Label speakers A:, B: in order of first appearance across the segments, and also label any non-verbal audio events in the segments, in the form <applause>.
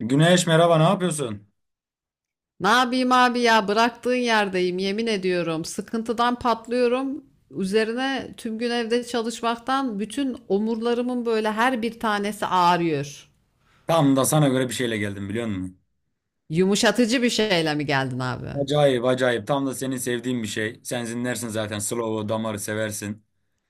A: Güneş, merhaba, ne yapıyorsun?
B: Ne yapayım abi ya bıraktığın yerdeyim yemin ediyorum. Sıkıntıdan patlıyorum. Üzerine tüm gün evde çalışmaktan bütün omurlarımın böyle her bir tanesi ağrıyor.
A: Tam da sana göre bir şeyle geldim, biliyor musun?
B: Yumuşatıcı bir şeyle mi geldin abi?
A: Acayip acayip, tam da senin sevdiğin bir şey. Sen zinlersin zaten, Slow Damar'ı seversin.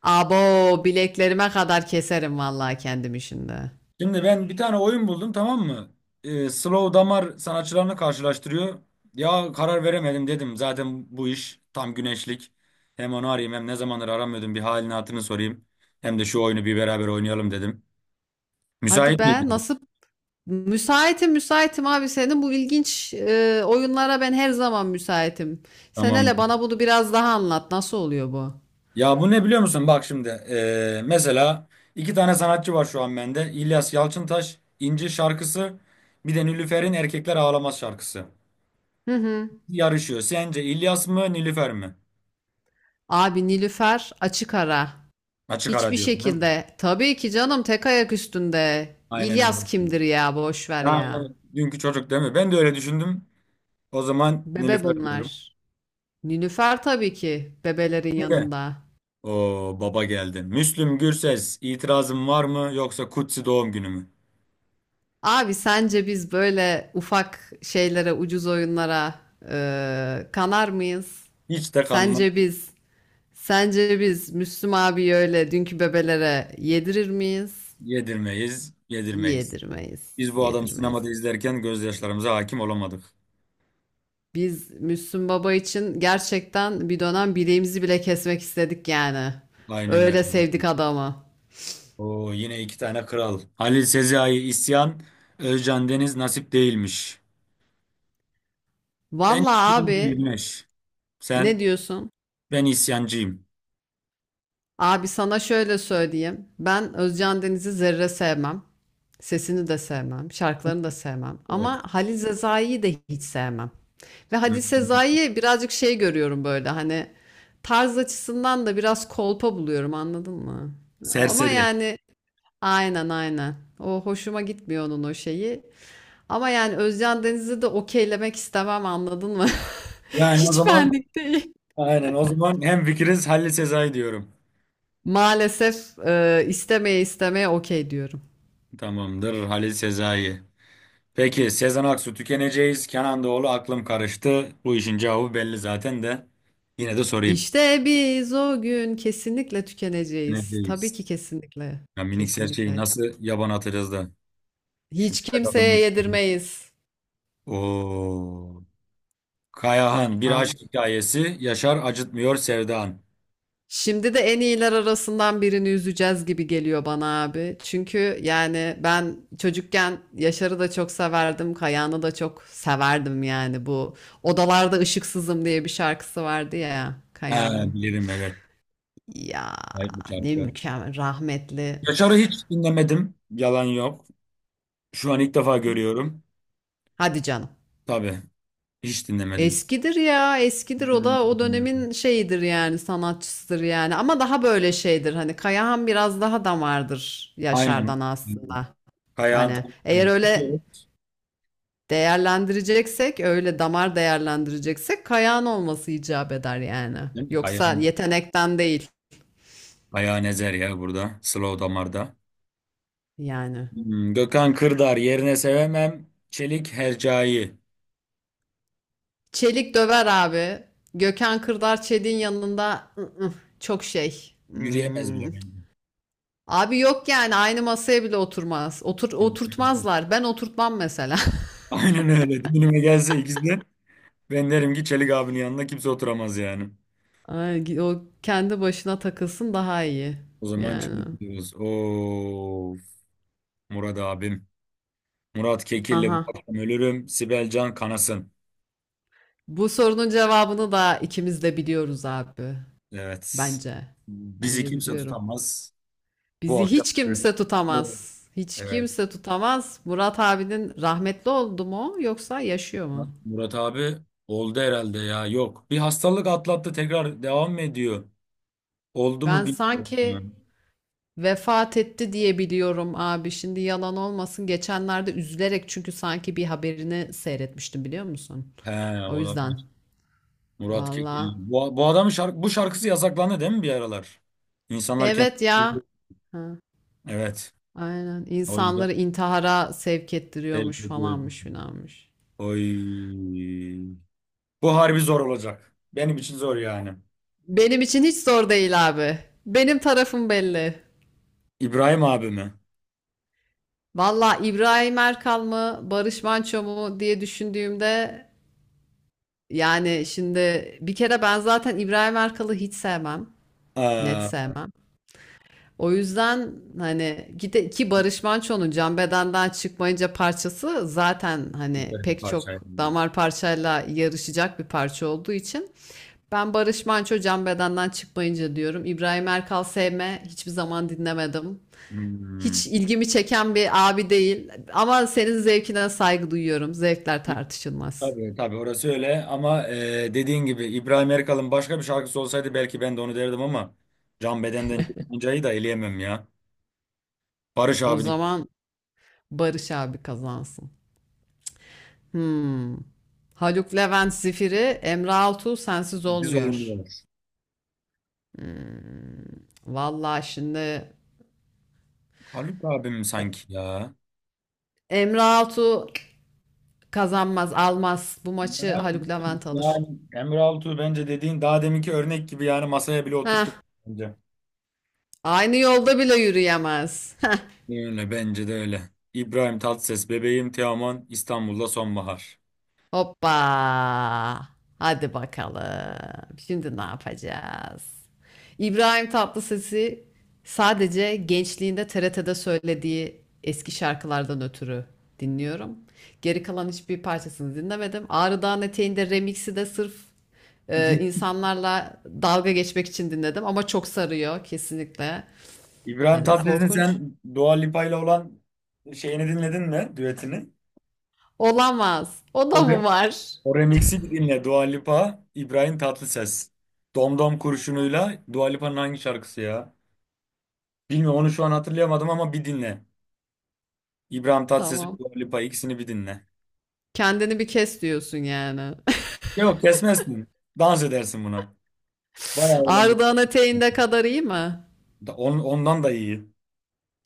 B: Abo, bileklerime kadar keserim vallahi kendimi şimdi.
A: Şimdi ben bir tane oyun buldum, tamam mı? Slow Damar sanatçılarını karşılaştırıyor. Ya karar veremedim dedim, zaten bu iş tam güneşlik. Hem onu arayayım, hem ne zamandır aramıyordum, bir halini hatırını sorayım. Hem de şu oyunu bir beraber oynayalım dedim.
B: Hadi
A: Müsait
B: be,
A: miydin?
B: nasıl müsaitim abi, senin bu ilginç oyunlara ben her zaman müsaitim. Sen
A: Tamam.
B: hele bana bunu biraz daha anlat, nasıl oluyor bu?
A: Ya bu ne biliyor musun? Bak şimdi mesela iki tane sanatçı var şu an bende. İlyas Yalçıntaş, İnci şarkısı, bir de Nilüfer'in Erkekler Ağlamaz şarkısı.
B: Hı hı.
A: Yarışıyor. Sence İlyas mı Nilüfer mi?
B: Abi, Nilüfer açık ara.
A: Açık ara
B: Hiçbir
A: diyorsun, değil mi?
B: şekilde. Tabii ki canım, tek ayak üstünde.
A: Aynen öyle.
B: İlyas kimdir ya, boş ver ya.
A: Yani dünkü çocuk değil mi? Ben de öyle düşündüm. O zaman
B: Bebe
A: Nilüfer diyorum.
B: bunlar. Nilüfer tabii ki bebelerin
A: Şimdi
B: yanında.
A: o baba geldi. Müslüm Gürses itirazın var mı, yoksa kutsi doğum günü mü?
B: Abi, sence biz böyle ufak şeylere, ucuz oyunlara kanar mıyız?
A: Hiç de kanına
B: Sence biz, sence biz Müslüm abi öyle dünkü bebelere yedirir miyiz?
A: yedirmeyiz, yedirmeyiz.
B: Yedirmeyiz,
A: Biz bu adamı
B: yedirmeyiz.
A: sinemada izlerken gözyaşlarımıza hakim olamadık.
B: Biz Müslüm Baba için gerçekten bir dönem bileğimizi bile kesmek istedik yani.
A: Aynen
B: Öyle
A: öyle.
B: sevdik adamı.
A: Oo, yine iki tane kral. Halil Sezai isyan. Özcan Deniz nasip değilmiş. Ben
B: Valla abi,
A: isyancıyım Güneş.
B: ne
A: Sen,
B: diyorsun?
A: ben isyancıyım.
B: Abi sana şöyle söyleyeyim. Ben Özcan Deniz'i zerre sevmem. Sesini de sevmem. Şarkılarını da sevmem.
A: Evet.
B: Ama Halil Sezai'yi de hiç sevmem. Ve Halil
A: Hmm,
B: Sezai'yi birazcık şey görüyorum böyle, hani tarz açısından da biraz kolpa buluyorum, anladın mı? Ama
A: serseri.
B: yani. Aynen, aynen. O hoşuma gitmiyor, onun o şeyi. Ama yani Özcan Deniz'i de okeylemek istemem, anladın mı? <laughs>
A: Yani o
B: Hiç
A: zaman,
B: benlik değil.
A: aynen o zaman hem fikiriz, Halil Sezai diyorum.
B: Maalesef istemeye istemeye okey diyorum.
A: Tamamdır, Halil Sezai. Peki Sezen Aksu tükeneceğiz. Kenan Doğulu aklım karıştı. Bu işin cevabı belli zaten de. Yine de sorayım.
B: İşte biz o gün kesinlikle tükeneceğiz. Tabii
A: Tükeneceğiz.
B: ki, kesinlikle.
A: Ya minik serçeyi
B: Kesinlikle.
A: nasıl yaban atacağız da şu
B: Hiç
A: birkaç
B: kimseye
A: adımını.
B: yedirmeyiz.
A: Oo. Kayahan bir aşk hikayesi. Yaşar acıtmıyor Sevda'an.
B: Şimdi de en iyiler arasından birini üzeceğiz gibi geliyor bana abi. Çünkü yani ben çocukken Yaşar'ı da çok severdim, Kayahan'ı da çok severdim yani. Bu Odalarda Işıksızım diye bir şarkısı vardı ya
A: Ha,
B: Kayahan'ın.
A: bilirim, evet.
B: Ya,
A: Evet, bu
B: ne
A: şarkı.
B: mükemmel rahmetli.
A: Yaşar'ı hiç dinlemedim. Yalan yok. Şu an ilk defa görüyorum.
B: Hadi canım.
A: Tabii. Hiç dinlemedim.
B: Eskidir ya, eskidir, o da o
A: Hmm.
B: dönemin şeyidir yani, sanatçısıdır yani, ama daha böyle şeydir, hani Kayahan biraz daha damardır Yaşar'dan
A: Aynen. Hmm.
B: aslında.
A: Kayahan
B: Hani
A: tam
B: eğer
A: benlik.
B: öyle
A: Değil
B: değerlendireceksek, öyle damar değerlendireceksek kayağın olması icap eder yani.
A: mi?
B: Yoksa
A: Kayahan.
B: yetenekten değil
A: Kayahan ezer ya burada. Slow damarda.
B: yani.
A: Hmm. Gökhan Kırdar yerine sevemem. Çelik Hercai.
B: Çelik döver abi. Gökhan Kırdar Çelik'in yanında çok şey.
A: Yürüyemez bile
B: Hmm.
A: bence.
B: Abi yok yani, aynı masaya bile oturmaz.
A: <laughs>
B: Oturtmazlar. Ben oturtmam mesela.
A: Aynen öyle. Düğünüme gelse ikizler, ben derim ki Çelik abinin yanında kimse oturamaz yani.
B: <laughs> Ay, o kendi başına takılsın daha iyi.
A: O zaman
B: Yani.
A: Çelik diyoruz. Of, Murat abim. Murat Kekilli bu
B: Aha.
A: akşam ölürüm. Sibel Can kanasın.
B: Bu sorunun cevabını da ikimiz de biliyoruz abi.
A: Evet.
B: Bence.
A: Bizi
B: Bence
A: kimse
B: biliyorum.
A: tutamaz. Bu
B: Bizi
A: akşam
B: hiç
A: ölürüz.
B: kimse
A: Evet.
B: tutamaz. Hiç
A: Evet.
B: kimse tutamaz. Murat abinin, rahmetli oldu mu yoksa yaşıyor
A: Bak,
B: mu?
A: Murat abi oldu herhalde ya. Yok. Bir hastalık atlattı, tekrar devam mı ediyor? Oldu
B: Ben
A: mu bilmiyorum
B: sanki
A: yani.
B: vefat etti diye biliyorum abi. Şimdi yalan olmasın, geçenlerde üzülerek, çünkü sanki bir haberini seyretmiştim, biliyor musun?
A: He,
B: O yüzden.
A: olabilir. Murat
B: Vallahi.
A: Kekil. Bu adamın şarkı, bu şarkısı yasaklandı değil mi bir aralar? İnsanlar kendi...
B: Evet ya. Ha,
A: Evet.
B: aynen.
A: O yüzden
B: İnsanları intihara sevk
A: sevk
B: ettiriyormuş,
A: ediyorum.
B: falanmış filanmış.
A: Oy. Bu harbi zor olacak. Benim için zor yani.
B: Benim için hiç zor değil abi. Benim tarafım belli.
A: İbrahim abi mi?
B: Valla, İbrahim Erkal mı, Barış Manço mu diye düşündüğümde, yani şimdi bir kere ben zaten İbrahim Erkal'ı hiç sevmem. Net
A: Aa,
B: sevmem. O yüzden hani gide ki Barış Manço'nun Can Beden'den Çıkmayınca parçası zaten hani
A: süper bir
B: pek çok
A: parçaydı ya.
B: damar parçayla yarışacak bir parça olduğu için ben Barış Manço Can Beden'den Çıkmayınca diyorum. İbrahim Erkal sevme, hiçbir zaman dinlemedim. Hiç
A: Hmm.
B: ilgimi çeken bir abi değil. Ama senin zevkine saygı duyuyorum. Zevkler tartışılmaz.
A: Tabii tabii orası öyle, ama dediğin gibi İbrahim Erkal'ın başka bir şarkısı olsaydı belki ben de onu derdim, ama Can Beden'den çıkmancayı da eleyemem ya. Barış
B: O
A: abi diyor.
B: zaman Barış abi kazansın. Hmm. Haluk Levent Zifiri, Emre Altuğ Sensiz
A: Biz
B: Olmuyor.
A: olmuyor.
B: Hmm. Vallahi şimdi
A: Haluk abim
B: E-
A: sanki ya.
B: Emre Altuğ kazanmaz, almaz. Bu maçı
A: Yani,
B: Haluk Levent alır.
A: yani Emre Altuğ bence dediğin daha deminki örnek gibi, yani masaya bile
B: Heh,
A: oturtup bence.
B: aynı yolda bile yürüyemez.
A: Öyle, bence de öyle. İbrahim Tatlıses, bebeğim Teoman, İstanbul'da sonbahar.
B: Hoppa. Hadi bakalım, şimdi ne yapacağız? İbrahim Tatlıses'i sadece gençliğinde TRT'de söylediği eski şarkılardan ötürü dinliyorum. Geri kalan hiçbir parçasını dinlemedim. Ağrı Dağın Eteği'nde remix'i de sırf
A: <laughs>
B: insanlarla dalga geçmek için dinledim, ama çok sarıyor kesinlikle.
A: İbrahim
B: Hani
A: Tatlıses'in
B: korkunç.
A: sen Dua Lipa ile olan şeyini dinledin mi? Düetini.
B: Olamaz. O
A: O,
B: da
A: re-
B: mı var?
A: O remix'i bir dinle. Dua Lipa, İbrahim Tatlıses. Domdom kurşunuyla Dua Lipa'nın hangi şarkısı ya? Bilmiyorum, onu şu an hatırlayamadım, ama bir dinle. İbrahim Tatlıses ve
B: Tamam.
A: Dua Lipa, ikisini bir dinle.
B: Kendini bir kes diyorsun yani.
A: Yok, kesmezsin. Dans edersin buna. Bayağı eğlenceli.
B: Ardahan eteğinde kadar iyi mi?
A: On, ondan da iyi.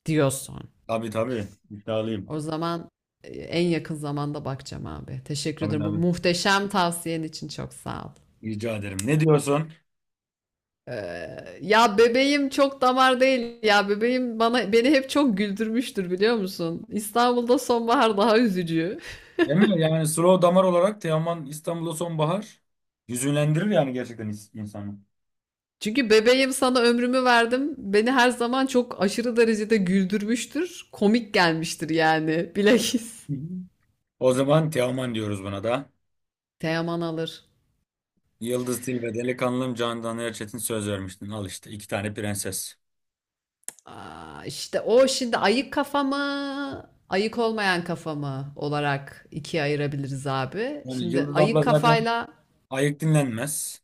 B: Diyorsun.
A: Tabii tabii. İddialıyım.
B: O zaman en yakın zamanda bakacağım abi. Teşekkür
A: Tabii
B: ederim. Bu
A: tabii.
B: muhteşem tavsiyen için çok sağ ol.
A: Rica ederim. Ne diyorsun?
B: Ya bebeğim çok damar değil. Ya bebeğim bana, beni hep çok güldürmüştür, biliyor musun? İstanbul'da Sonbahar daha üzücü.
A: Değil mi? Yani slow damar olarak Teoman İstanbul'da sonbahar hüzünlendirir, yani gerçekten insanı.
B: <laughs> Çünkü bebeğim sana ömrümü verdim, beni her zaman çok aşırı derecede güldürmüştür. Komik gelmiştir yani. Bilakis.
A: Hı hı. O zaman Teoman diyoruz buna da.
B: Teoman alır.
A: Yıldız Tilbe, Delikanlım, Candan Erçetin söz vermiştin. Al işte iki tane prenses.
B: Aa, işte o şimdi ayık kafa mı, ayık olmayan kafa mı olarak ikiye ayırabiliriz abi.
A: Yani
B: Şimdi
A: Yıldız abla
B: ayık
A: zaten
B: kafayla
A: ayık dinlenmez.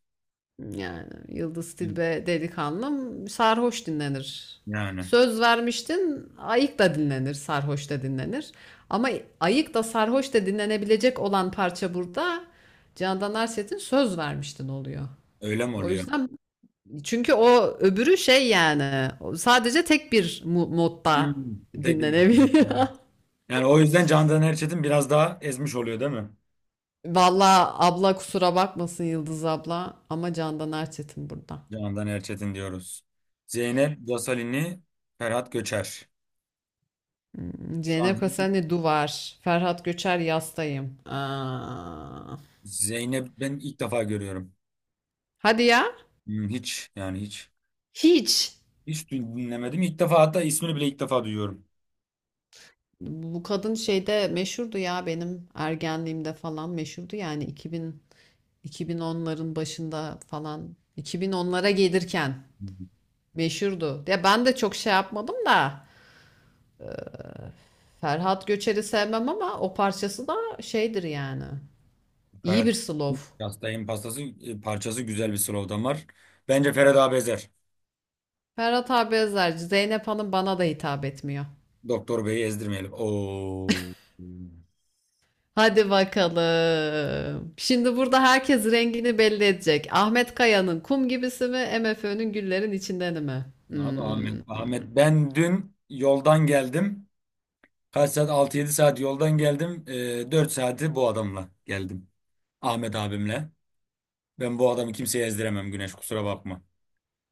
B: yani Yıldız
A: Hı.
B: Tilbe Delikanlım sarhoş dinlenir.
A: Yani
B: Söz Vermiştin ayık da dinlenir, sarhoş da dinlenir. Ama ayık da sarhoş da dinlenebilecek olan parça burada Candan Erset'in Söz Vermiştin oluyor.
A: öyle mi
B: O
A: oluyor?
B: yüzden, çünkü o öbürü şey yani, sadece tek bir modda
A: Hmm. Tek bir bakıyor.
B: dinlenebiliyor. <laughs>
A: Yani o yüzden Candan Erçetin biraz daha ezmiş oluyor değil mi?
B: Vallahi abla kusura bakmasın Yıldız abla, ama Candan Erçetin burada.
A: Candan Erçetin diyoruz. Zeynep Gasalini, Ferhat Göçer.
B: Hmm,
A: Şu
B: Zeynep
A: an
B: Kasani Duvar, Ferhat Göçer Yastayım. Aa.
A: Zeynep ben ilk defa görüyorum.
B: Hadi ya.
A: Hmm, hiç yani hiç.
B: Hiç.
A: Hiç dinlemedim. İlk defa, hatta ismini bile ilk defa duyuyorum.
B: Bu kadın şeyde meşhurdu ya, benim ergenliğimde falan meşhurdu, yani 2000, 2010'ların başında falan, 2010'lara gelirken
A: Hmm.
B: meşhurdu. Ya ben de çok şey yapmadım da, Ferhat Göçer'i sevmem ama o parçası da şeydir yani. İyi
A: Ferhat
B: bir slow.
A: Yastayın pastası, parçası güzel bir slogan var. Bence Ferhat abi ezer.
B: Ferhat abi özerci. Zeynep Hanım bana da hitap etmiyor.
A: Doktor Bey'i ezdirmeyelim. Oo.
B: Hadi bakalım, şimdi burada herkes rengini belli edecek. Ahmet Kaya'nın Kum Gibisi mi, MFÖ'nün Güllerin içinden mi?
A: Abi Ahmet,
B: Hmm.
A: Ahmet ben dün yoldan geldim. Kaç saat? 6, 7 saat yoldan geldim. 4 saati bu adamla geldim. Ahmet abimle. Ben bu adamı kimseye ezdiremem Güneş, kusura bakma.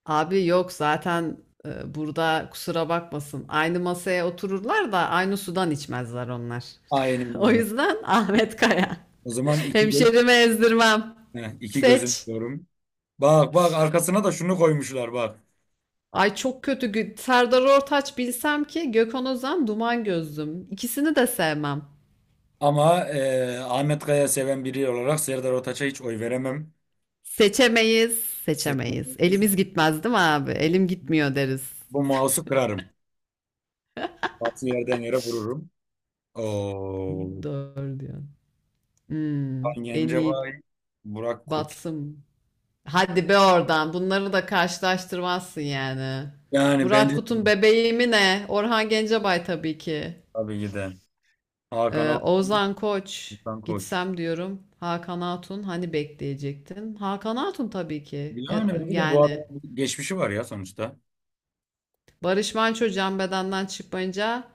B: Abi yok zaten, burada kusura bakmasın. Aynı masaya otururlar da aynı sudan içmezler onlar. <laughs>
A: Aynen
B: O
A: öyle.
B: yüzden Ahmet Kaya.
A: O zaman iki, gö
B: Hemşerime ezdirmem.
A: heh, iki gözüm
B: Seç.
A: diyorum. Bak bak, arkasına da şunu koymuşlar bak.
B: Ay çok kötü. Serdar Ortaç bilsem ki Gökhan Özen Duman Gözlüm. İkisini de sevmem.
A: Ama Ahmet Kaya seven biri olarak Serdar Ortaç'a hiç oy veremem.
B: Seçemeyiz.
A: Seçmen
B: Seçemeyiz.
A: olabilir.
B: Elimiz gitmez değil mi abi? Elim gitmiyor deriz.
A: Bu mouse'u kırarım. Bazı yerden yere vururum. Oo.
B: Doğru diyor. Hmm,
A: Hakan
B: en iyi
A: Gencebay, Burak Kut.
B: batsın. Hadi be oradan. Bunları da karşılaştırmazsın yani.
A: Yani
B: Burak
A: bence
B: Kut'un bebeği mi ne? Orhan Gencebay tabii ki.
A: tabii ki de. Hakan Altun.
B: Ozan Koç
A: Hakan Koç.
B: gitsem diyorum. Hakan Hatun hani, bekleyecektin? Hakan Hatun tabii ki.
A: Yani bence de bu
B: Yani
A: adamın geçmişi var ya sonuçta.
B: Barış Manço Can Bedenden Çıkmayınca,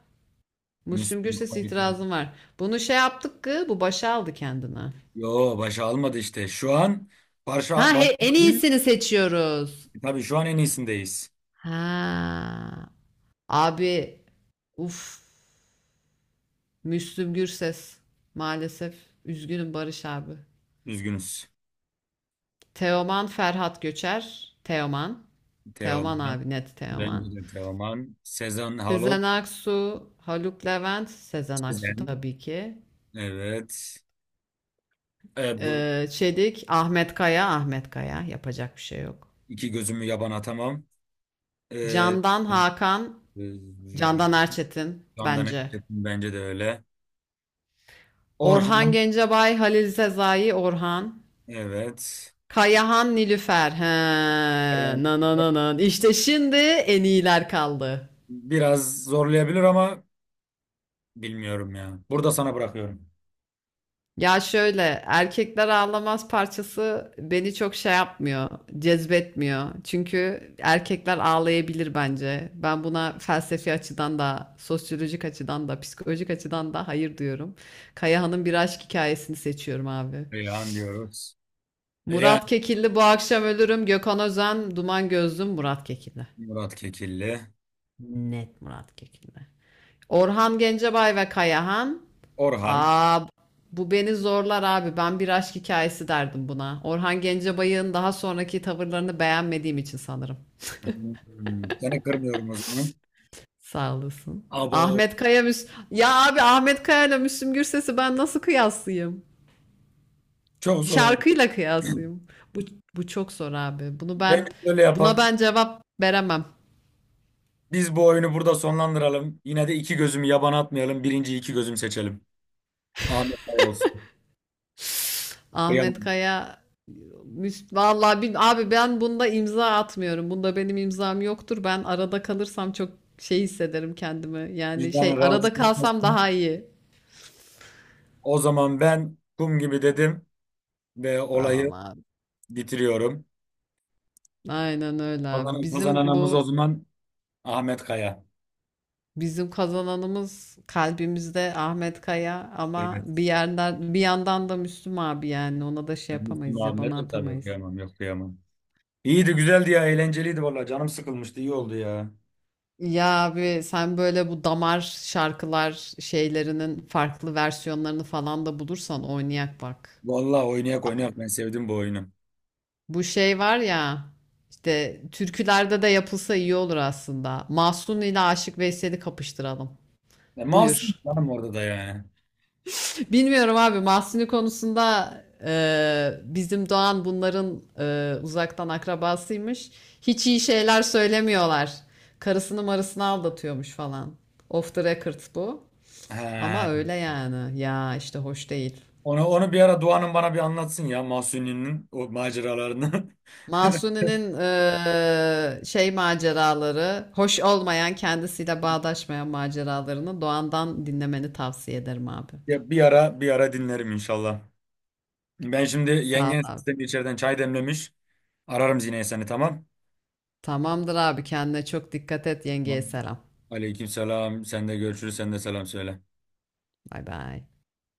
B: Müslüm
A: Müslüm
B: Gürses
A: Baba'ydı.
B: itirazım var. Bunu şey yaptık ki bu başa aldı kendine.
A: Yo, başa almadı işte. Şu an başa,
B: Ha
A: baş,
B: en iyisini seçiyoruz.
A: tabii şu an en iyisindeyiz.
B: Ha, abi, uf, Müslüm Gürses maalesef. Üzgünüm Barış abi.
A: Üzgünüz.
B: Teoman Ferhat Göçer. Teoman. Teoman
A: Teoman.
B: abi, net
A: Bence
B: Teoman.
A: de Teoman. Sezen Halot.
B: Sezen Aksu, Haluk Levent. Sezen Aksu
A: Sezen.
B: tabii ki.
A: Evet. E, bu
B: Çedik, Ahmet Kaya, Ahmet Kaya. Yapacak bir şey yok.
A: iki gözümü yaban atamam. E,
B: Candan Hakan,
A: e,
B: Candan Erçetin
A: Candan
B: bence.
A: Erçetin bence de öyle.
B: Orhan
A: Orhan.
B: Gencebay, Halil Sezai, Orhan.
A: Evet.
B: Kayahan, Nilüfer. He,
A: Orhan
B: na na na na. İşte şimdi en iyiler kaldı.
A: biraz zorlayabilir ama bilmiyorum ya. Burada sana bırakıyorum.
B: Ya şöyle, Erkekler Ağlamaz parçası beni çok şey yapmıyor, cezbetmiyor. Çünkü erkekler ağlayabilir bence. Ben buna felsefi açıdan da, sosyolojik açıdan da, psikolojik açıdan da hayır diyorum. Kayahan'ın Bir Aşk Hikayesini seçiyorum abi.
A: Reyhan diyoruz. Yani
B: Murat Kekilli Bu Akşam Ölürüm, Gökhan Özen Duman Gözlüm. Murat Kekilli.
A: Murat Kekilli.
B: Net Murat Kekilli. Orhan Gencebay ve Kayahan.
A: Orhan.
B: Aa, bu beni zorlar abi. Ben Bir Aşk Hikayesi derdim buna. Orhan Gencebay'ın daha sonraki tavırlarını beğenmediğim için sanırım.
A: Hmm, seni kırmıyorum o zaman.
B: Sağ olasın.
A: Abo.
B: Ahmet Kaya Müs Ya abi, Ahmet Kaya ile Müslüm Gürses'i ben nasıl kıyaslayayım?
A: Çok zor oldu.
B: Şarkıyla kıyaslayayım. Bu, bu çok zor abi. Bunu
A: Ben
B: ben
A: öyle
B: buna
A: yapak.
B: ben cevap veremem.
A: Biz bu oyunu burada sonlandıralım. Yine de iki gözümü yabana atmayalım. Birinci iki gözüm seçelim. Ahmet Bey olsun.
B: Ahmet
A: Kıyamam.
B: Kaya vallahi, abi ben bunda imza atmıyorum. Bunda benim imzam yoktur. Ben arada kalırsam çok şey hissederim kendimi. Yani
A: Vicdanı
B: şey,
A: rahatsız
B: arada kalsam
A: etmesin.
B: daha iyi.
A: O zaman ben kum gibi dedim ve olayı
B: Tamam abi.
A: bitiriyorum.
B: Aynen öyle abi.
A: Kazanan,
B: Bizim
A: kazananımız o
B: bu
A: zaman Ahmet Kaya.
B: bizim kazananımız kalbimizde Ahmet Kaya, ama bir
A: Evet.
B: yerden bir yandan da Müslüm abi yani, ona da şey
A: Ben Müslüm
B: yapamayız, ya
A: abime
B: bana
A: de tabii
B: atamayız.
A: okuyamam. Yok, kıyamam. İyiydi, güzeldi ya, eğlenceliydi valla. Canım sıkılmıştı, iyi oldu ya.
B: Ya abi, sen böyle bu damar şarkılar şeylerinin farklı versiyonlarını falan da bulursan oynayak bak.
A: Valla oynayak
B: Aa,
A: oynayak, ben sevdim bu oyunu.
B: bu şey var ya işte, türkülerde de yapılsa iyi olur aslında. Mahsun ile Aşık Veysel'i kapıştıralım.
A: E, Mahsun
B: Buyur.
A: canım orada da yani.
B: <laughs> Bilmiyorum abi, Mahsuni konusunda bizim Doğan bunların uzaktan akrabasıymış. Hiç iyi şeyler söylemiyorlar. Karısını marısını aldatıyormuş falan. Off the record bu. Ama
A: He.
B: öyle yani. Ya işte, hoş değil.
A: Onu bir ara Doğan'ın bana bir anlatsın ya, Mahsuni'nin o maceralarını. <laughs>
B: Mahsuni'nin şey maceraları, hoş olmayan, kendisiyle bağdaşmayan maceralarını Doğan'dan dinlemeni tavsiye ederim abi.
A: Ya bir ara dinlerim inşallah. Ben şimdi
B: Sağ ol
A: yengen
B: abi.
A: sistemi içeriden çay demlemiş. Ararım Zine'yi, seni, tamam.
B: Tamamdır abi, kendine çok dikkat et, yengeye
A: Tamam.
B: selam.
A: Aleyküm selam. Sen de görüşürüz. Sen de selam söyle.
B: Bay bay.